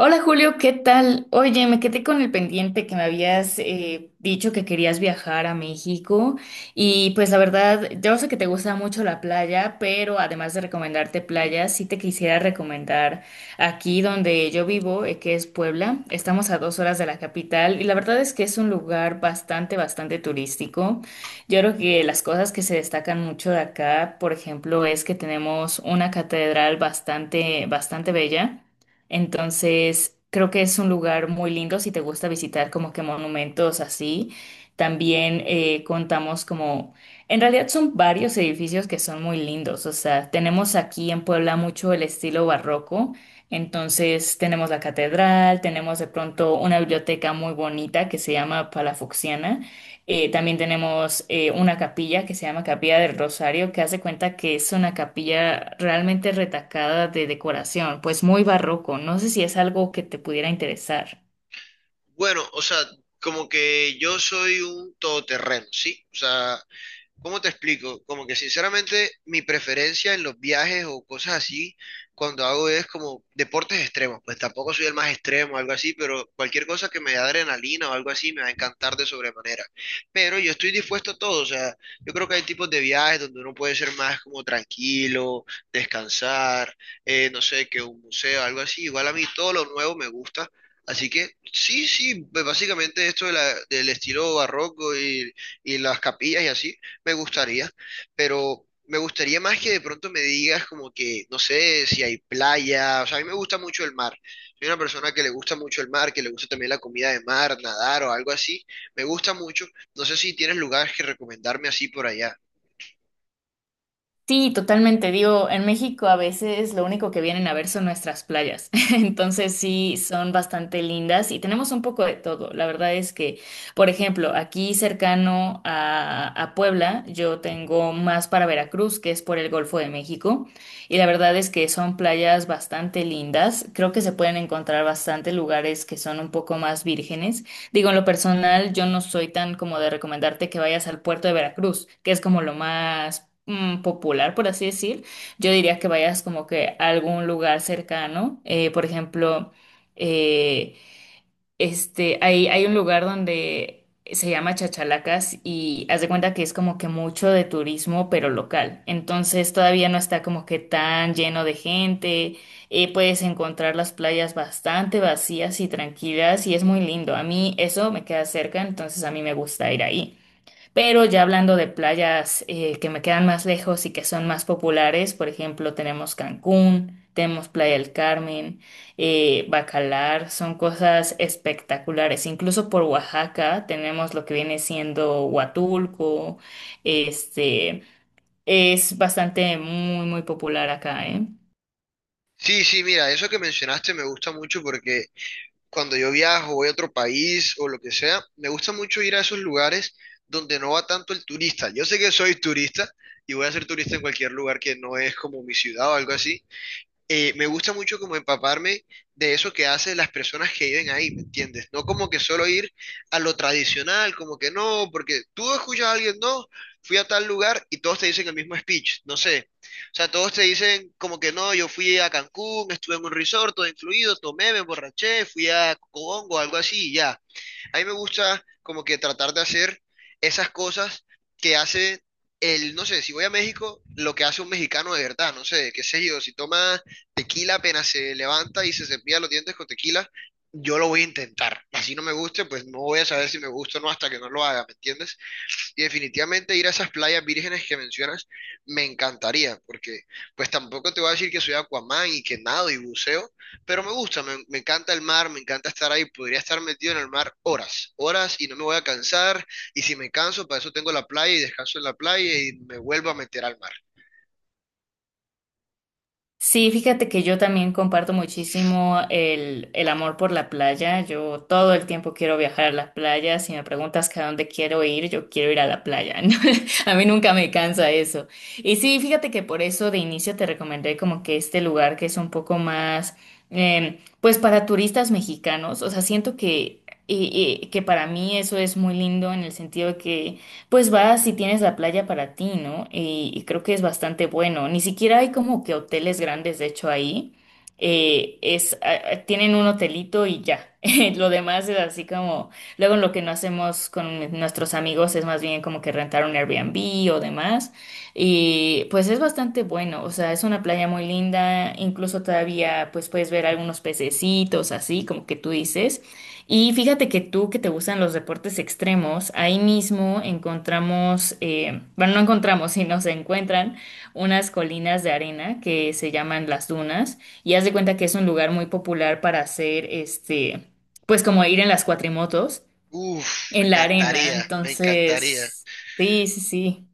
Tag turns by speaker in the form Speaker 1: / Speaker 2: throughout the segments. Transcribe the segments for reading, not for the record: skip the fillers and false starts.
Speaker 1: Hola Julio, ¿qué tal? Oye, me quedé con el pendiente que me habías dicho que querías viajar a México y pues la verdad, yo sé que te gusta mucho la playa, pero además de recomendarte playas, sí te quisiera recomendar aquí donde yo vivo, que es Puebla. Estamos a 2 horas de la capital y la verdad es que es un lugar bastante turístico. Yo creo que las cosas que se destacan mucho de acá, por ejemplo, es que tenemos una catedral bastante bella. Entonces, creo que es un lugar muy lindo si te gusta visitar como que monumentos así. También contamos como, en realidad son varios edificios que son muy lindos. O sea, tenemos aquí en Puebla mucho el estilo barroco. Entonces, tenemos la catedral, tenemos de pronto una biblioteca muy bonita que se llama Palafoxiana, también tenemos una capilla que se llama Capilla del Rosario, que hace cuenta que es una capilla realmente retacada de decoración, pues muy barroco. No sé si es algo que te pudiera interesar.
Speaker 2: Bueno, o sea, como que yo soy un todoterreno, ¿sí? O sea, ¿cómo te explico? Como que sinceramente mi preferencia en los viajes o cosas así, cuando hago es como deportes extremos, pues tampoco soy el más extremo o algo así, pero cualquier cosa que me dé adrenalina o algo así me va a encantar de sobremanera. Pero yo estoy dispuesto a todo, o sea, yo creo que hay tipos de viajes donde uno puede ser más como tranquilo, descansar, no sé, que un museo, algo así. Igual a mí todo lo nuevo me gusta. Así que sí, sí, pues básicamente esto de del estilo barroco y las capillas y así me gustaría, pero me gustaría más que de pronto me digas como que, no sé, si hay playa, o sea, a mí me gusta mucho el mar. Soy una persona que le gusta mucho el mar, que le gusta también la comida de mar, nadar o algo así. Me gusta mucho. No sé si tienes lugares que recomendarme así por allá.
Speaker 1: Sí, totalmente. Digo, en México a veces lo único que vienen a ver son nuestras playas. Entonces sí, son bastante lindas y tenemos un poco de todo. La verdad es que, por ejemplo, aquí cercano a Puebla, yo tengo más para Veracruz, que es por el Golfo de México. Y la verdad es que son playas bastante lindas. Creo que se pueden encontrar bastante lugares que son un poco más vírgenes. Digo, en lo personal, yo no soy tan como de recomendarte que vayas al puerto de Veracruz, que es como lo más popular, por así decir. Yo diría que vayas como que a algún lugar cercano, por ejemplo, eh, este, hay un lugar donde se llama Chachalacas y haz de cuenta que es como que mucho de turismo, pero local. Entonces todavía no está como que tan lleno de gente. Puedes encontrar las playas bastante vacías y tranquilas y es muy lindo. A mí eso me queda cerca, entonces a mí me gusta ir ahí. Pero ya hablando de playas, que me quedan más lejos y que son más populares, por ejemplo, tenemos Cancún, tenemos Playa del Carmen, Bacalar, son cosas espectaculares. Incluso por Oaxaca tenemos lo que viene siendo Huatulco, este, es bastante muy, muy popular acá, ¿eh?
Speaker 2: Sí, sí, mira, eso que mencionaste me gusta mucho porque cuando yo viajo, voy a otro país o lo que sea, me gusta mucho ir a esos lugares donde no va tanto el turista. Yo sé que soy turista y voy a ser turista en cualquier lugar que no es como mi ciudad o algo así, me gusta mucho como empaparme de eso que hacen las personas que viven ahí, ¿me entiendes? No como que solo ir a lo tradicional, como que no, porque tú escuchas a alguien, no, fui a tal lugar y todos te dicen el mismo speech, no sé. O sea, todos te dicen como que no, yo fui a Cancún, estuve en un resort, todo incluido, tomé, me emborraché, fui a Congo, algo así, y ya. A mí me gusta como que tratar de hacer esas cosas que hace el, no sé, si voy a México, lo que hace un mexicano de verdad, no sé, qué sé yo, si toma tequila apenas se levanta y se cepilla los dientes con tequila, yo lo voy a intentar. Así no me guste, pues no voy a saber si me gusta o no hasta que no lo haga, ¿me entiendes? Y definitivamente ir a esas playas vírgenes que mencionas me encantaría, porque pues tampoco te voy a decir que soy Aquaman y que nado y buceo, pero me gusta, me encanta el mar, me encanta estar ahí, podría estar metido en el mar horas, horas y no me voy a cansar, y si me canso, para eso tengo la playa y descanso en la playa y me vuelvo a meter al mar.
Speaker 1: Sí, fíjate que yo también comparto muchísimo el amor por la playa. Yo todo el tiempo quiero viajar a las playas. Si me preguntas que a dónde quiero ir, yo quiero ir a la playa. ¿No? A mí nunca me cansa eso. Y sí, fíjate que por eso de inicio te recomendé como que este lugar que es un poco más, pues para turistas mexicanos. O sea, siento que, que para mí eso es muy lindo en el sentido de que pues vas si tienes la playa para ti, ¿no? Y creo que es bastante bueno. Ni siquiera hay como que hoteles grandes, de hecho, ahí. Tienen un hotelito y ya. Lo demás es así como, luego lo que no hacemos con nuestros amigos es más bien como que rentar un Airbnb o demás. Y pues es bastante bueno, o sea, es una playa muy linda, incluso todavía pues puedes ver algunos pececitos así, como que tú dices. Y fíjate que tú que te gustan los deportes extremos, ahí mismo encontramos, bueno, no encontramos, sino se encuentran unas colinas de arena que se llaman las dunas y haz de cuenta que es un lugar muy popular para hacer, pues como ir en las cuatrimotos
Speaker 2: Uf, me
Speaker 1: en la arena.
Speaker 2: encantaría, me encantaría.
Speaker 1: Entonces, sí, sí, sí.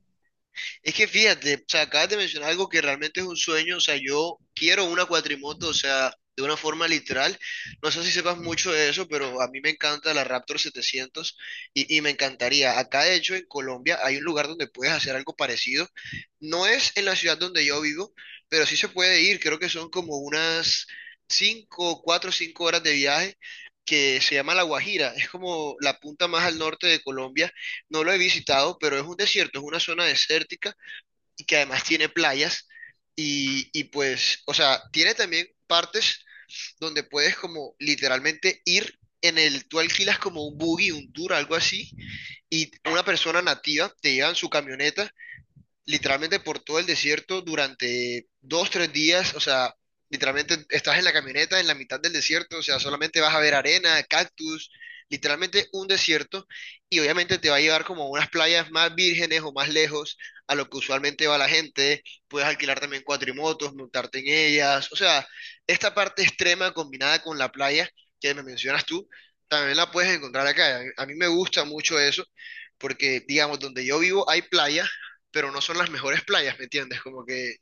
Speaker 2: Es que fíjate, o sea, acabas de mencionar algo que realmente es un sueño, o sea, yo quiero una cuatrimoto, o sea, de una forma literal. No sé si sepas mucho de eso, pero a mí me encanta la Raptor 700 y me encantaría. Acá, de hecho, en Colombia hay un lugar donde puedes hacer algo parecido. No es en la ciudad donde yo vivo, pero sí se puede ir. Creo que son como unas 5, 4, 5 horas de viaje, que se llama La Guajira, es como la punta más al norte de Colombia, no lo he visitado, pero es un desierto, es una zona desértica y que además tiene playas y pues, o sea, tiene también partes donde puedes como literalmente ir en el, tú alquilas como un buggy, un tour, algo así, y una persona nativa te lleva en su camioneta literalmente por todo el desierto durante dos, tres días, o sea, literalmente estás en la camioneta en la mitad del desierto, o sea, solamente vas a ver arena, cactus, literalmente un desierto, y obviamente te va a llevar como a unas playas más vírgenes o más lejos a lo que usualmente va la gente, puedes alquilar también cuatrimotos, montarte en ellas, o sea, esta parte extrema combinada con la playa que me mencionas tú, también la puedes encontrar acá, a mí me gusta mucho eso porque, digamos, donde yo vivo hay playa, pero no son las mejores playas, ¿me entiendes? Como que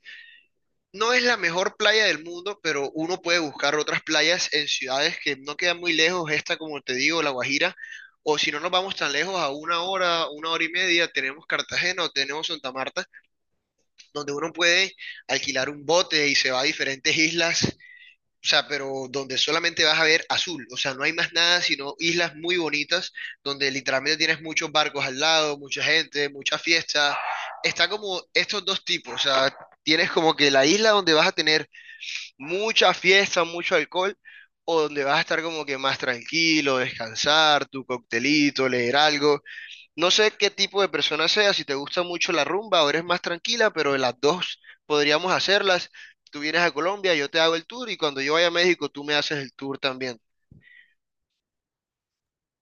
Speaker 2: no es la mejor playa del mundo, pero uno puede buscar otras playas en ciudades que no quedan muy lejos, esta como te digo, La Guajira, o si no nos vamos tan lejos, a una hora y media, tenemos Cartagena o tenemos Santa Marta, donde uno puede alquilar un bote y se va a diferentes islas, o sea, pero donde solamente vas a ver azul, o sea, no hay más nada sino islas muy bonitas donde literalmente tienes muchos barcos al lado, mucha gente, muchas fiestas. Está como estos dos tipos, o sea, tienes como que la isla donde vas a tener mucha fiesta, mucho alcohol, o donde vas a estar como que más tranquilo, descansar, tu coctelito, leer algo, no sé qué tipo de persona sea, si te gusta mucho la rumba o eres más tranquila, pero las dos podríamos hacerlas. Tú vienes a Colombia, yo te hago el tour y cuando yo vaya a México, tú me haces el tour también.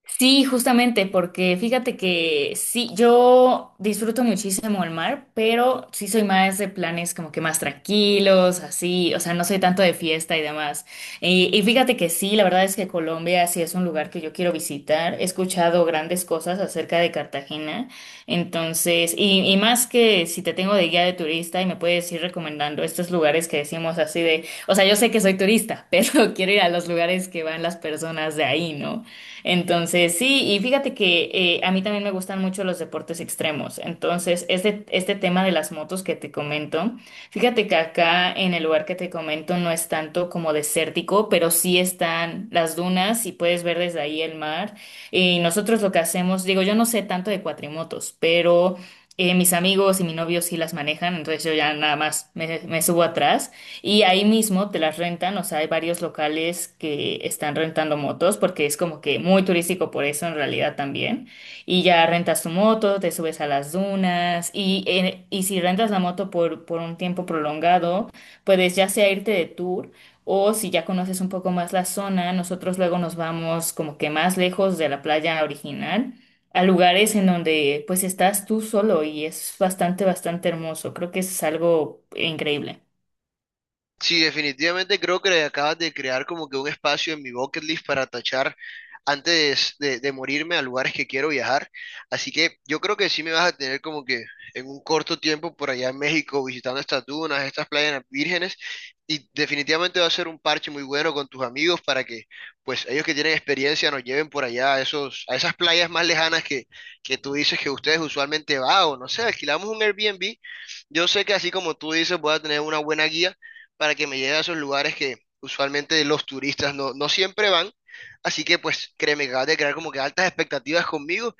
Speaker 1: Sí, justamente, porque fíjate que sí, yo disfruto muchísimo el mar, pero sí soy más de planes como que más tranquilos, así, o sea, no soy tanto de fiesta y demás. Y fíjate que sí, la verdad es que Colombia sí es un lugar que yo quiero visitar. He escuchado grandes cosas acerca de Cartagena, entonces, y más que si te tengo de guía de turista y me puedes ir recomendando estos lugares que decimos así de, o sea, yo sé que soy turista, pero quiero ir a los lugares que van las personas de ahí, ¿no? Entonces, sí, y fíjate que a mí también me gustan mucho los deportes extremos. Entonces, este tema de las motos que te comento, fíjate que acá en el lugar que te comento no es tanto como desértico, pero sí están las dunas y puedes ver desde ahí el mar. Y nosotros lo que hacemos, digo, yo no sé tanto de cuatrimotos, pero mis amigos y mi novio sí las manejan, entonces yo ya nada más me subo atrás. Y ahí mismo te las rentan, o sea, hay varios locales que están rentando motos porque es como que muy turístico por eso en realidad también. Y ya rentas tu moto, te subes a las dunas y si rentas la moto por un tiempo prolongado, puedes ya sea irte de tour o si ya conoces un poco más la zona, nosotros luego nos vamos como que más lejos de la playa original a lugares en donde pues estás tú solo y es bastante hermoso. Creo que es algo increíble.
Speaker 2: Sí, definitivamente creo que acabas de crear como que un espacio en mi bucket list para tachar antes de morirme, a lugares que quiero viajar. Así que yo creo que sí me vas a tener como que en un corto tiempo por allá en México visitando estas dunas, estas playas vírgenes y definitivamente va a ser un parche muy bueno con tus amigos para que pues ellos que tienen experiencia nos lleven por allá a esos, a esas playas más lejanas que tú dices que ustedes usualmente van o no sé, alquilamos un Airbnb. Yo sé que así como tú dices voy a tener una buena guía para que me lleve a esos lugares que usualmente los turistas no, no siempre van. Así que pues créeme que acabas de crear como que altas expectativas conmigo,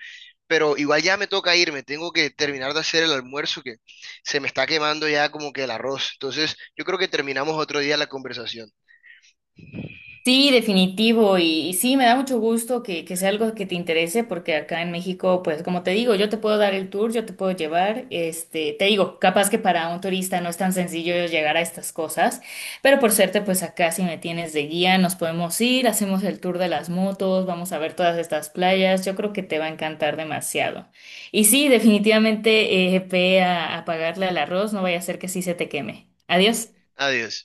Speaker 2: pero igual ya me toca irme, tengo que terminar de hacer el almuerzo que se me está quemando ya como que el arroz. Entonces yo creo que terminamos otro día la conversación.
Speaker 1: Sí, definitivo. Y sí, me da mucho gusto que sea algo que te interese, porque acá en México, pues como te digo, yo te puedo dar el tour, yo te puedo llevar. Este, te digo, capaz que para un turista no es tan sencillo llegar a estas cosas, pero por suerte, pues acá si me tienes de guía, nos podemos ir, hacemos el tour de las motos, vamos a ver todas estas playas. Yo creo que te va a encantar demasiado. Y sí, definitivamente, ve a pagarle al arroz, no vaya a ser que sí se te queme. Adiós.
Speaker 2: Adiós.